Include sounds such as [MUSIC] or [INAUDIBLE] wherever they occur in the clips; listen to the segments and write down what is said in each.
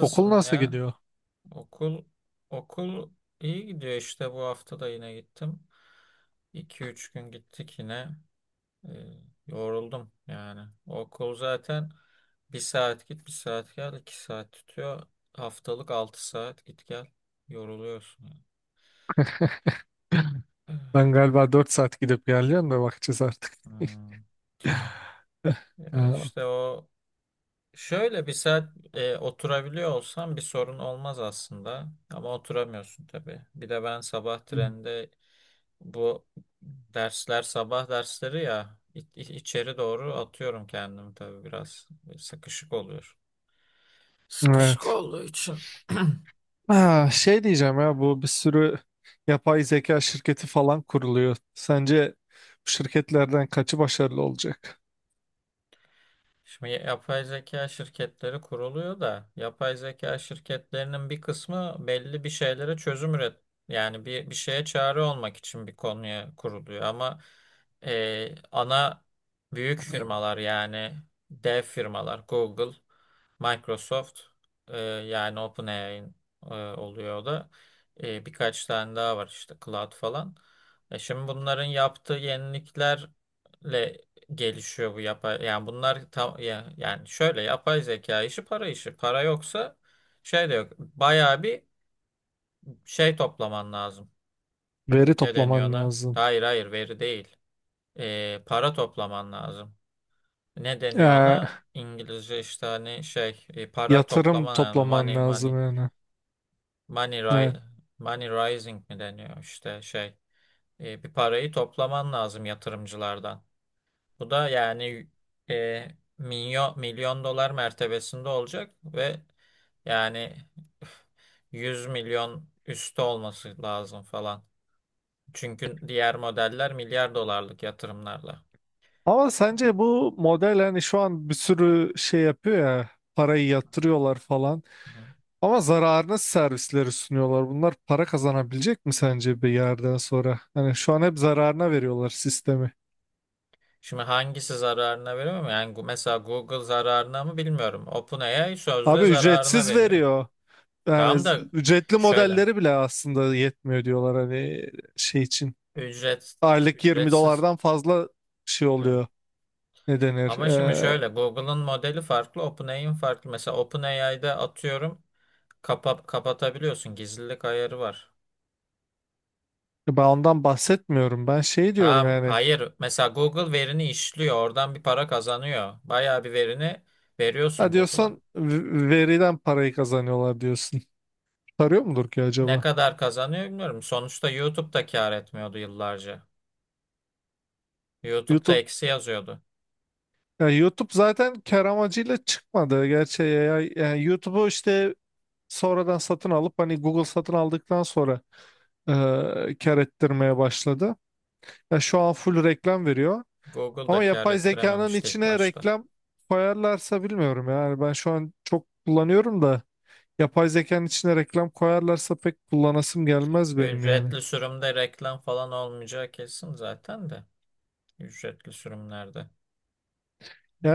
Okul nasıl ya? gidiyor? Okul okul iyi gidiyor işte bu hafta da yine gittim. İki üç gün gittik yine. Ee, Yoruldum yani. Okul zaten bir saat git bir saat gel 2 saat tutuyor. Haftalık 6 saat git gel. Yoruluyorsun, yani. Ben galiba 4 saat gidip geleceğim de bakacağız artık. Hmm. [LAUGHS] Ya Ee, işte o şöyle bir saat oturabiliyor olsam bir sorun olmaz aslında ama oturamıyorsun tabii. Bir de ben sabah trende. Bu dersler sabah dersleri ya, içeri doğru atıyorum kendimi, tabii biraz sıkışık oluyor. Sıkışık Evet. olduğu için. Ha, şey diyeceğim ya bu bir sürü yapay zeka şirketi falan kuruluyor. Sence bu şirketlerden kaçı başarılı olacak? Şimdi yapay zeka şirketleri kuruluyor da yapay zeka şirketlerinin bir kısmı belli bir şeylere çözüm üret, yani bir şeye çare olmak için bir konuya kuruluyor ama ana büyük firmalar, yani dev firmalar Google, Microsoft, yani OpenAI oluyor o da. Birkaç tane daha var işte, Cloud falan. Şimdi bunların yaptığı yeniliklerle gelişiyor bu yapay, yani bunlar tam ya, yani şöyle, yapay zeka işi para işi. Para yoksa şey de yok. Bayağı bir şey toplaman lazım. Veri Ne deniyor toplaman ona? lazım. Hayır, hayır, veri değil. Para toplaman lazım. Ne deniyor Ee, ona? İngilizce işte, hani şey, para yatırım toplaman lazım. toplaman lazım yani. money Evet. ri- Money rising mi deniyor, işte şey. Bir parayı toplaman lazım yatırımcılardan. Bu da yani e, milyon dolar mertebesinde olacak ve yani 100 milyon üstü olması lazım falan. Çünkü diğer modeller milyar dolarlık yatırımlarla. Ama sence bu model hani şu an bir sürü şey yapıyor ya parayı yatırıyorlar falan. Hı. Ama zararına servisleri sunuyorlar. Bunlar para kazanabilecek mi sence bir yerden sonra? Hani şu an hep zararına veriyorlar sistemi. Şimdi hangisi zararına veriyor mu? Yani mesela Google zararına mı bilmiyorum. OpenAI sözde Abi zararına ücretsiz veriyor. veriyor. Yani Tamam da ücretli şöyle, modelleri bile aslında yetmiyor diyorlar hani şey için. ücret Aylık 20 ücretsiz dolardan fazla şey e, oluyor. Ne denir? ama şimdi Ee, şöyle, Google'ın modeli farklı, OpenAI'nin farklı. Mesela OpenAI'de atıyorum kapatabiliyorsun. Gizlilik ayarı var. ben ondan bahsetmiyorum. Ben şey diyorum Ha, yani. hayır. Mesela Google verini işliyor. Oradan bir para kazanıyor. Bayağı bir verini veriyorsun Ha, Google'a. diyorsan veriden parayı kazanıyorlar diyorsun. Tarıyor mudur ki Ne acaba? kadar kazanıyor bilmiyorum. Sonuçta YouTube da kâr etmiyordu yıllarca. YouTube da YouTube eksi yazıyordu. YouTube zaten kar amacıyla çıkmadı. Gerçi AI yani YouTube'u işte sonradan satın alıp hani Google satın aldıktan sonra kar ettirmeye başladı. Ya şu an full reklam veriyor. Google Ama da kâr yapay zekanın ettirememişti ilk içine başta. reklam koyarlarsa bilmiyorum yani ben şu an çok kullanıyorum da yapay zekanın içine reklam koyarlarsa pek kullanasım gelmez benim yani. Ücretli sürümde reklam falan olmayacağı kesin zaten de. Ücretli sürümlerde.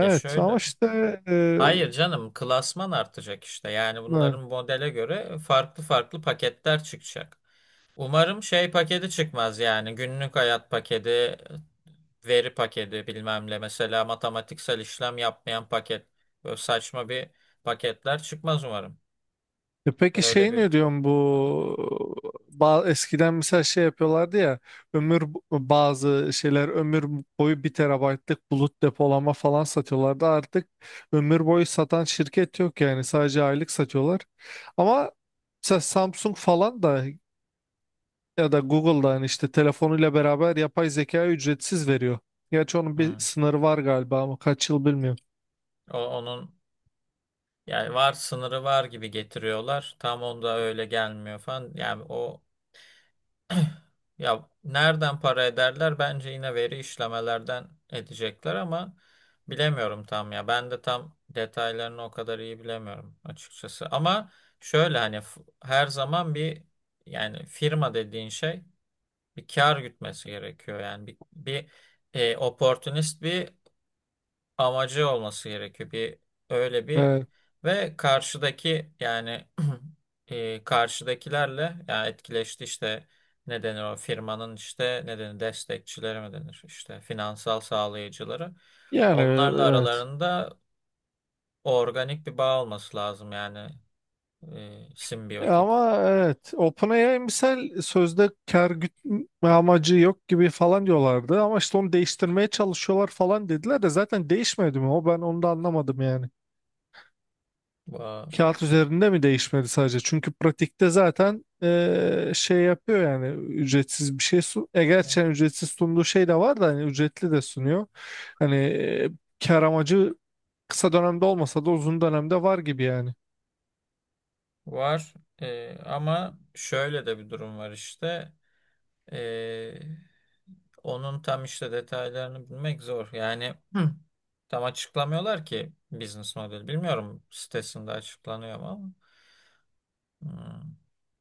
Ya ama şöyle. işte e, Hayır canım, klasman artacak işte. Yani bunların Evet. modele göre farklı farklı paketler çıkacak. Umarım şey paketi çıkmaz, yani günlük hayat paketi, veri paketi bilmem ne, mesela matematiksel işlem yapmayan paket. Böyle saçma bir paketler çıkmaz umarım. E peki Öyle şey bir ne diyorsun bu modeli. Eskiden mesela şey yapıyorlardı ya ömür bazı şeyler ömür boyu bir terabaytlık bulut depolama falan satıyorlardı. Artık ömür boyu satan şirket yok yani sadece aylık satıyorlar ama mesela Samsung falan da ya da Google'da hani işte telefonuyla beraber yapay zeka ücretsiz veriyor. Gerçi onun bir Hı. sınırı var galiba ama kaç yıl bilmiyorum. Onun yani var, sınırı var gibi getiriyorlar. Tam onda öyle gelmiyor falan. Yani o [CLEARS THROAT] ya nereden para ederler? Bence yine veri işlemelerden edecekler ama bilemiyorum tam ya. Ben de tam detaylarını o kadar iyi bilemiyorum açıkçası. Ama şöyle hani her zaman bir, yani firma dediğin şey bir kar gütmesi gerekiyor. Yani bir opportunist bir amacı olması gerekiyor. Bir öyle bir Evet. ve karşıdaki yani [CLEARS THROAT] karşıdakilerle yani etkileşti, işte ne denir, o firmanın işte ne denir, destekçileri mi denir, işte finansal sağlayıcıları. Yani Onlarla evet. aralarında organik bir bağ olması lazım, yani simbiyotik Ama evet, OpenAI misal sözde kar gütme amacı yok gibi falan diyorlardı ama işte onu değiştirmeye çalışıyorlar falan dediler de zaten değişmedi mi o, ben onu da anlamadım yani. bağ Kağıt üzerinde mi değişmedi sadece? Çünkü pratikte zaten şey yapıyor yani ücretsiz bir şey sun. E e, gerçekten ücretsiz sunduğu şey de var da hani ücretli de sunuyor. Hani kar amacı kısa dönemde olmasa da uzun dönemde var gibi yani. var. Ama şöyle de bir durum var işte. Ee, Onun tam işte detaylarını bilmek zor. Yani hı, tam açıklamıyorlar ki business model. Bilmiyorum sitesinde açıklanıyor mu ama. Hmm.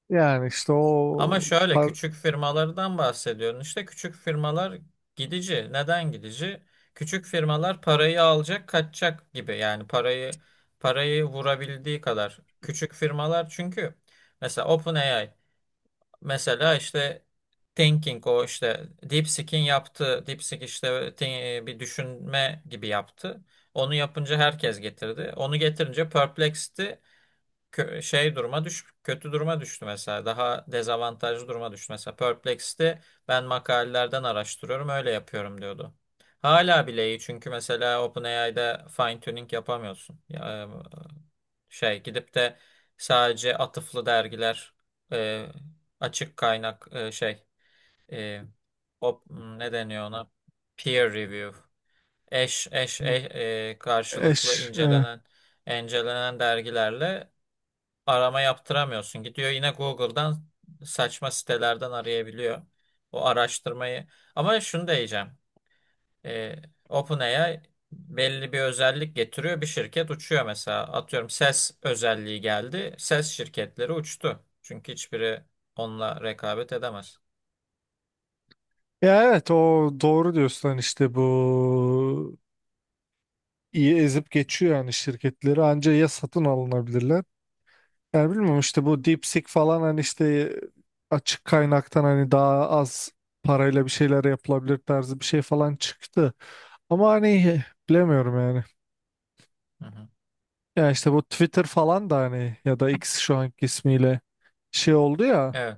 Yani işte Ama o şöyle, par- küçük firmalardan bahsediyorum. İşte küçük firmalar gidici. Neden gidici? Küçük firmalar parayı alacak, kaçacak gibi. Yani parayı vurabildiği kadar. Küçük firmalar çünkü mesela OpenAI. Mesela işte thinking, o işte DeepSeek'in yaptığı, DeepSeek işte bir düşünme gibi yaptı. Onu yapınca herkes getirdi. Onu getirince Perplexed'i kö- şey duruma düş kötü duruma düştü mesela. Daha dezavantajlı duruma düştü. Mesela Perplexed'i ben makalelerden araştırıyorum, öyle yapıyorum diyordu. Hala bile iyi, çünkü mesela OpenAI'de fine tuning yapamıyorsun. Ya, şey gidip de sadece atıflı dergiler, e, açık kaynak, şey e, o, ne deniyor ona? Peer review. Karşılıklı eş. incelenen dergilerle arama yaptıramıyorsun. Gidiyor yine Google'dan saçma sitelerden arayabiliyor o araştırmayı. Ama şunu da diyeceğim. Ee, OpenAI belli bir özellik getiriyor. Bir şirket uçuyor mesela. Atıyorum, ses özelliği geldi. Ses şirketleri uçtu. Çünkü hiçbiri onunla rekabet edemez. Ya evet o doğru diyorsun hani işte bu iyi ezip geçiyor yani şirketleri anca ya satın alınabilirler. Yani bilmiyorum, işte bu DeepSeek falan hani işte açık kaynaktan hani daha az parayla bir şeyler yapılabilir tarzı bir şey falan çıktı. Ama hani bilemiyorum yani. Hı hı. Ya işte bu Twitter falan da hani ya da X şu anki ismiyle şey oldu ya. Evet.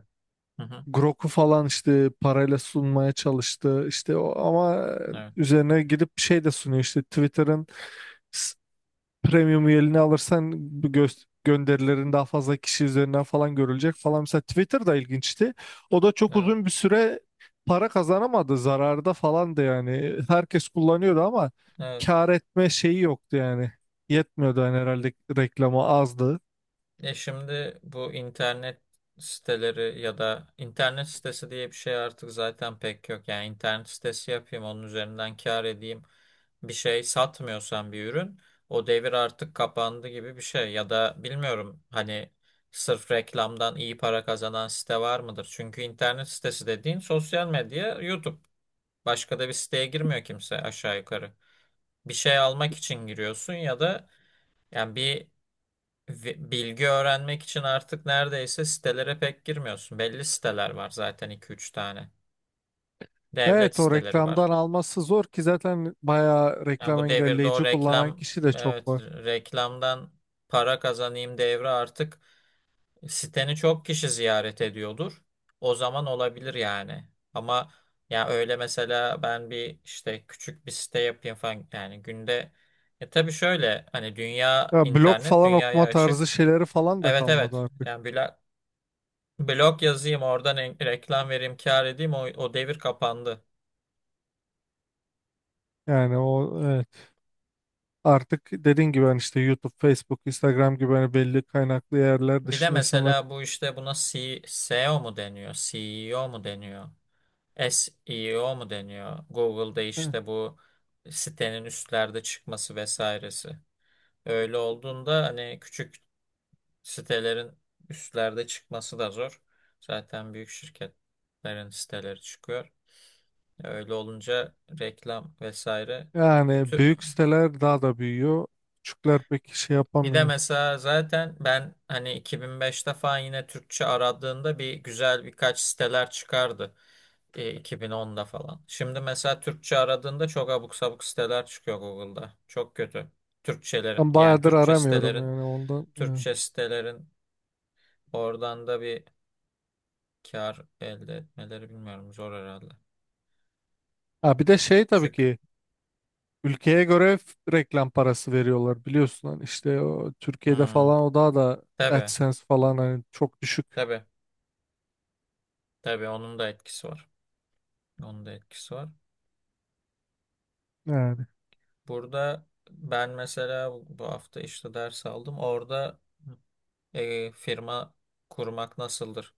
Hı hı. Grok'u falan işte parayla sunmaya çalıştı işte o, ama Evet. üzerine gidip şey de sunuyor, işte Twitter'ın s- premium üyeliğini alırsan bu gönderilerin daha fazla kişi üzerinden falan görülecek falan. Mesela Twitter da ilginçti, o da çok Evet. uzun bir süre para kazanamadı, zararda falan da yani, herkes kullanıyordu ama Evet. kar etme şeyi yoktu yani, yetmiyordu yani, herhalde reklamı azdı. Ya şimdi bu internet siteleri ya da internet sitesi diye bir şey artık zaten pek yok. Yani internet sitesi yapayım, onun üzerinden kâr edeyim. Bir şey satmıyorsan bir ürün, o devir artık kapandı gibi bir şey. Ya da bilmiyorum hani sırf reklamdan iyi para kazanan site var mıdır? Çünkü internet sitesi dediğin sosyal medya, YouTube. Başka da bir siteye girmiyor kimse aşağı yukarı. Bir şey almak için giriyorsun ya da yani bir ve bilgi öğrenmek için artık neredeyse sitelere pek girmiyorsun. Belli siteler var zaten, iki üç tane. Devlet Evet, o siteleri var. reklamdan alması zor ki zaten bayağı Yani reklam bu devirde o engelleyici kullanan reklam, kişi de çok evet var. reklamdan para kazanayım devri artık, siteni çok kişi ziyaret ediyordur. O zaman olabilir yani. Ama ya öyle, mesela ben bir işte küçük bir site yapayım falan, yani günde tabii şöyle, hani dünya, Ya blog internet falan dünyaya okuma tarzı açık. şeyleri falan da Evet, kalmadı evet. artık. Yani Bülent, blog yazayım, oradan reklam vereyim, kâr edeyim. O devir kapandı. Yani o, evet. Artık dediğin gibi hani işte YouTube, Facebook, Instagram gibi hani belli kaynaklı yerler Bir de dışında insanlar... mesela bu işte buna SEO mu deniyor? CEO mu deniyor? SEO mu deniyor? Google'da Evet. işte bu sitenin üstlerde çıkması vesairesi. Öyle olduğunda hani küçük sitelerin üstlerde çıkması da zor. Zaten büyük şirketlerin siteleri çıkıyor. Öyle olunca reklam vesaire. Yani büyük siteler daha da büyüyor. Küçükler pek şey Bir de yapamıyor. mesela zaten ben hani 2005'te falan yine Türkçe aradığında bir güzel birkaç siteler çıkardı. 2010'da falan. Şimdi mesela Türkçe aradığında çok abuk sabuk siteler çıkıyor Google'da. Çok kötü. Türkçelerin, Ben yani bayağıdır Türkçe aramıyorum sitelerin, yani ondan. Evet. Türkçe sitelerin oradan da bir kar elde etmeleri bilmiyorum, zor herhalde. Ha, bir de şey tabii Küçük. ki ülkeye göre reklam parası veriyorlar biliyorsun, hani işte o, Türkiye'de Hmm. falan o daha da... Tabii, AdSense falan hani çok düşük tabii, tabii, onun da etkisi var. Onun da etkisi var. yani. Burada ben mesela bu hafta işte ders aldım. Orada firma kurmak nasıldır?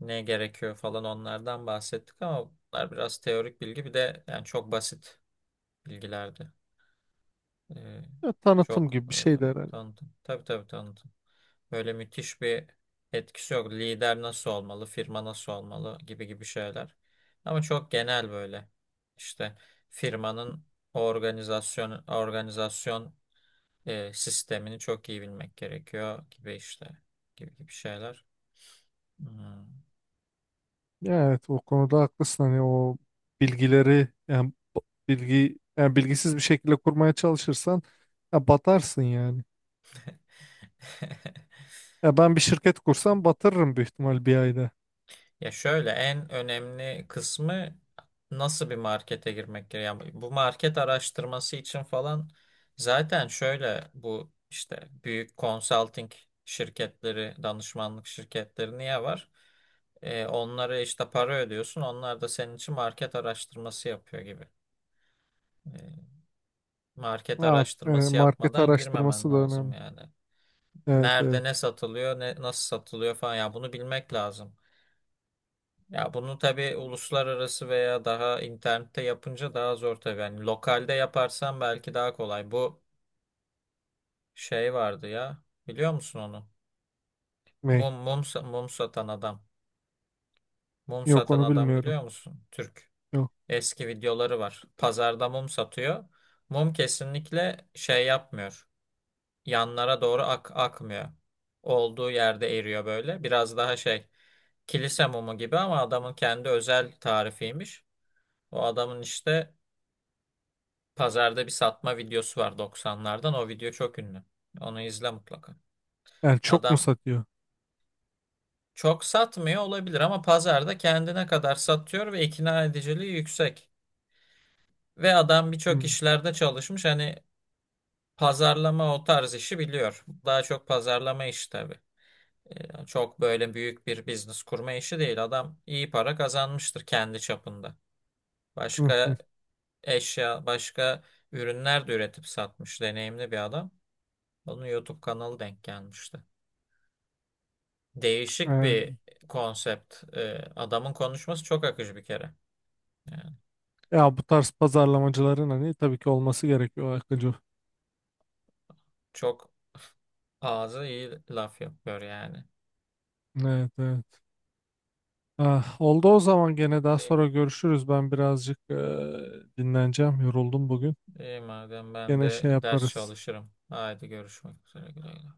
Ne gerekiyor falan, onlardan bahsettik ama bunlar biraz teorik bilgi, bir de yani çok basit bilgilerdi. E, Ya tanıtım Çok gibi bir öyle şey de herhalde. tanıdım. Tabii, tabii tanıdım. Böyle müthiş bir etkisi yok. Lider nasıl olmalı, firma nasıl olmalı, gibi gibi şeyler. Ama çok genel böyle. İşte firmanın organizasyon sistemini çok iyi bilmek gerekiyor gibi, işte gibi gibi şeyler. Hmm. Ya evet o konuda haklısın, hani o bilgileri yani bilgi yani bilgisiz bir şekilde kurmaya çalışırsan ya batarsın yani. [LAUGHS] Ya ben bir şirket kursam batırırım büyük ihtimal bir ayda. Ya şöyle en önemli kısmı nasıl bir markete girmek gerekiyor. Yani bu market araştırması için falan zaten şöyle, bu işte büyük consulting şirketleri, danışmanlık şirketleri niye var? Onlara işte para ödüyorsun. Onlar da senin için market araştırması yapıyor gibi. E, Market Ha, araştırması market yapmadan girmemen araştırması da lazım önemli. yani. Evet, Nerede ne evet. satılıyor, ne nasıl satılıyor falan, ya bunu bilmek lazım. Ya bunu tabii uluslararası veya daha internette yapınca daha zor tabii. Yani lokalde yaparsan belki daha kolay. Bu şey vardı ya. Biliyor musun onu? Ney? Mum satan adam. Mum Yok, satan onu adam bilmiyorum. biliyor musun? Türk. Yok. Eski videoları var. Pazarda mum satıyor. Mum kesinlikle şey yapmıyor. Yanlara doğru akmıyor. Olduğu yerde eriyor böyle. Biraz daha şey, kilise mumu gibi ama adamın kendi özel tarifiymiş. O adamın işte pazarda bir satma videosu var 90'lardan. O video çok ünlü. Onu izle mutlaka. Yani çok mu Adam satıyor? çok satmıyor olabilir ama pazarda kendine kadar satıyor ve ikna ediciliği yüksek. Ve adam birçok Hmm. işlerde çalışmış. Hani pazarlama, o tarz işi biliyor. Daha çok pazarlama işi tabii. Çok böyle büyük bir business kurma işi değil. Adam iyi para kazanmıştır kendi çapında. Hı hı. Başka eşya, başka ürünler de üretip satmış, deneyimli bir adam. Onun YouTube kanalı denk gelmişti. Değişik Evet. bir konsept. Adamın konuşması çok akıcı bir kere. Yani Ya bu tarz pazarlamacıların hani tabii ki olması gerekiyor Akıncı. çok ağzı iyi laf yapıyor yani. Evet, evet. Ah, oldu, o zaman gene daha İyi, sonra görüşürüz. Ben birazcık dinleneceğim. Yoruldum bugün. iyi madem ben Gene de şey ders yaparız. çalışırım. Haydi görüşmek üzere. Güle güle.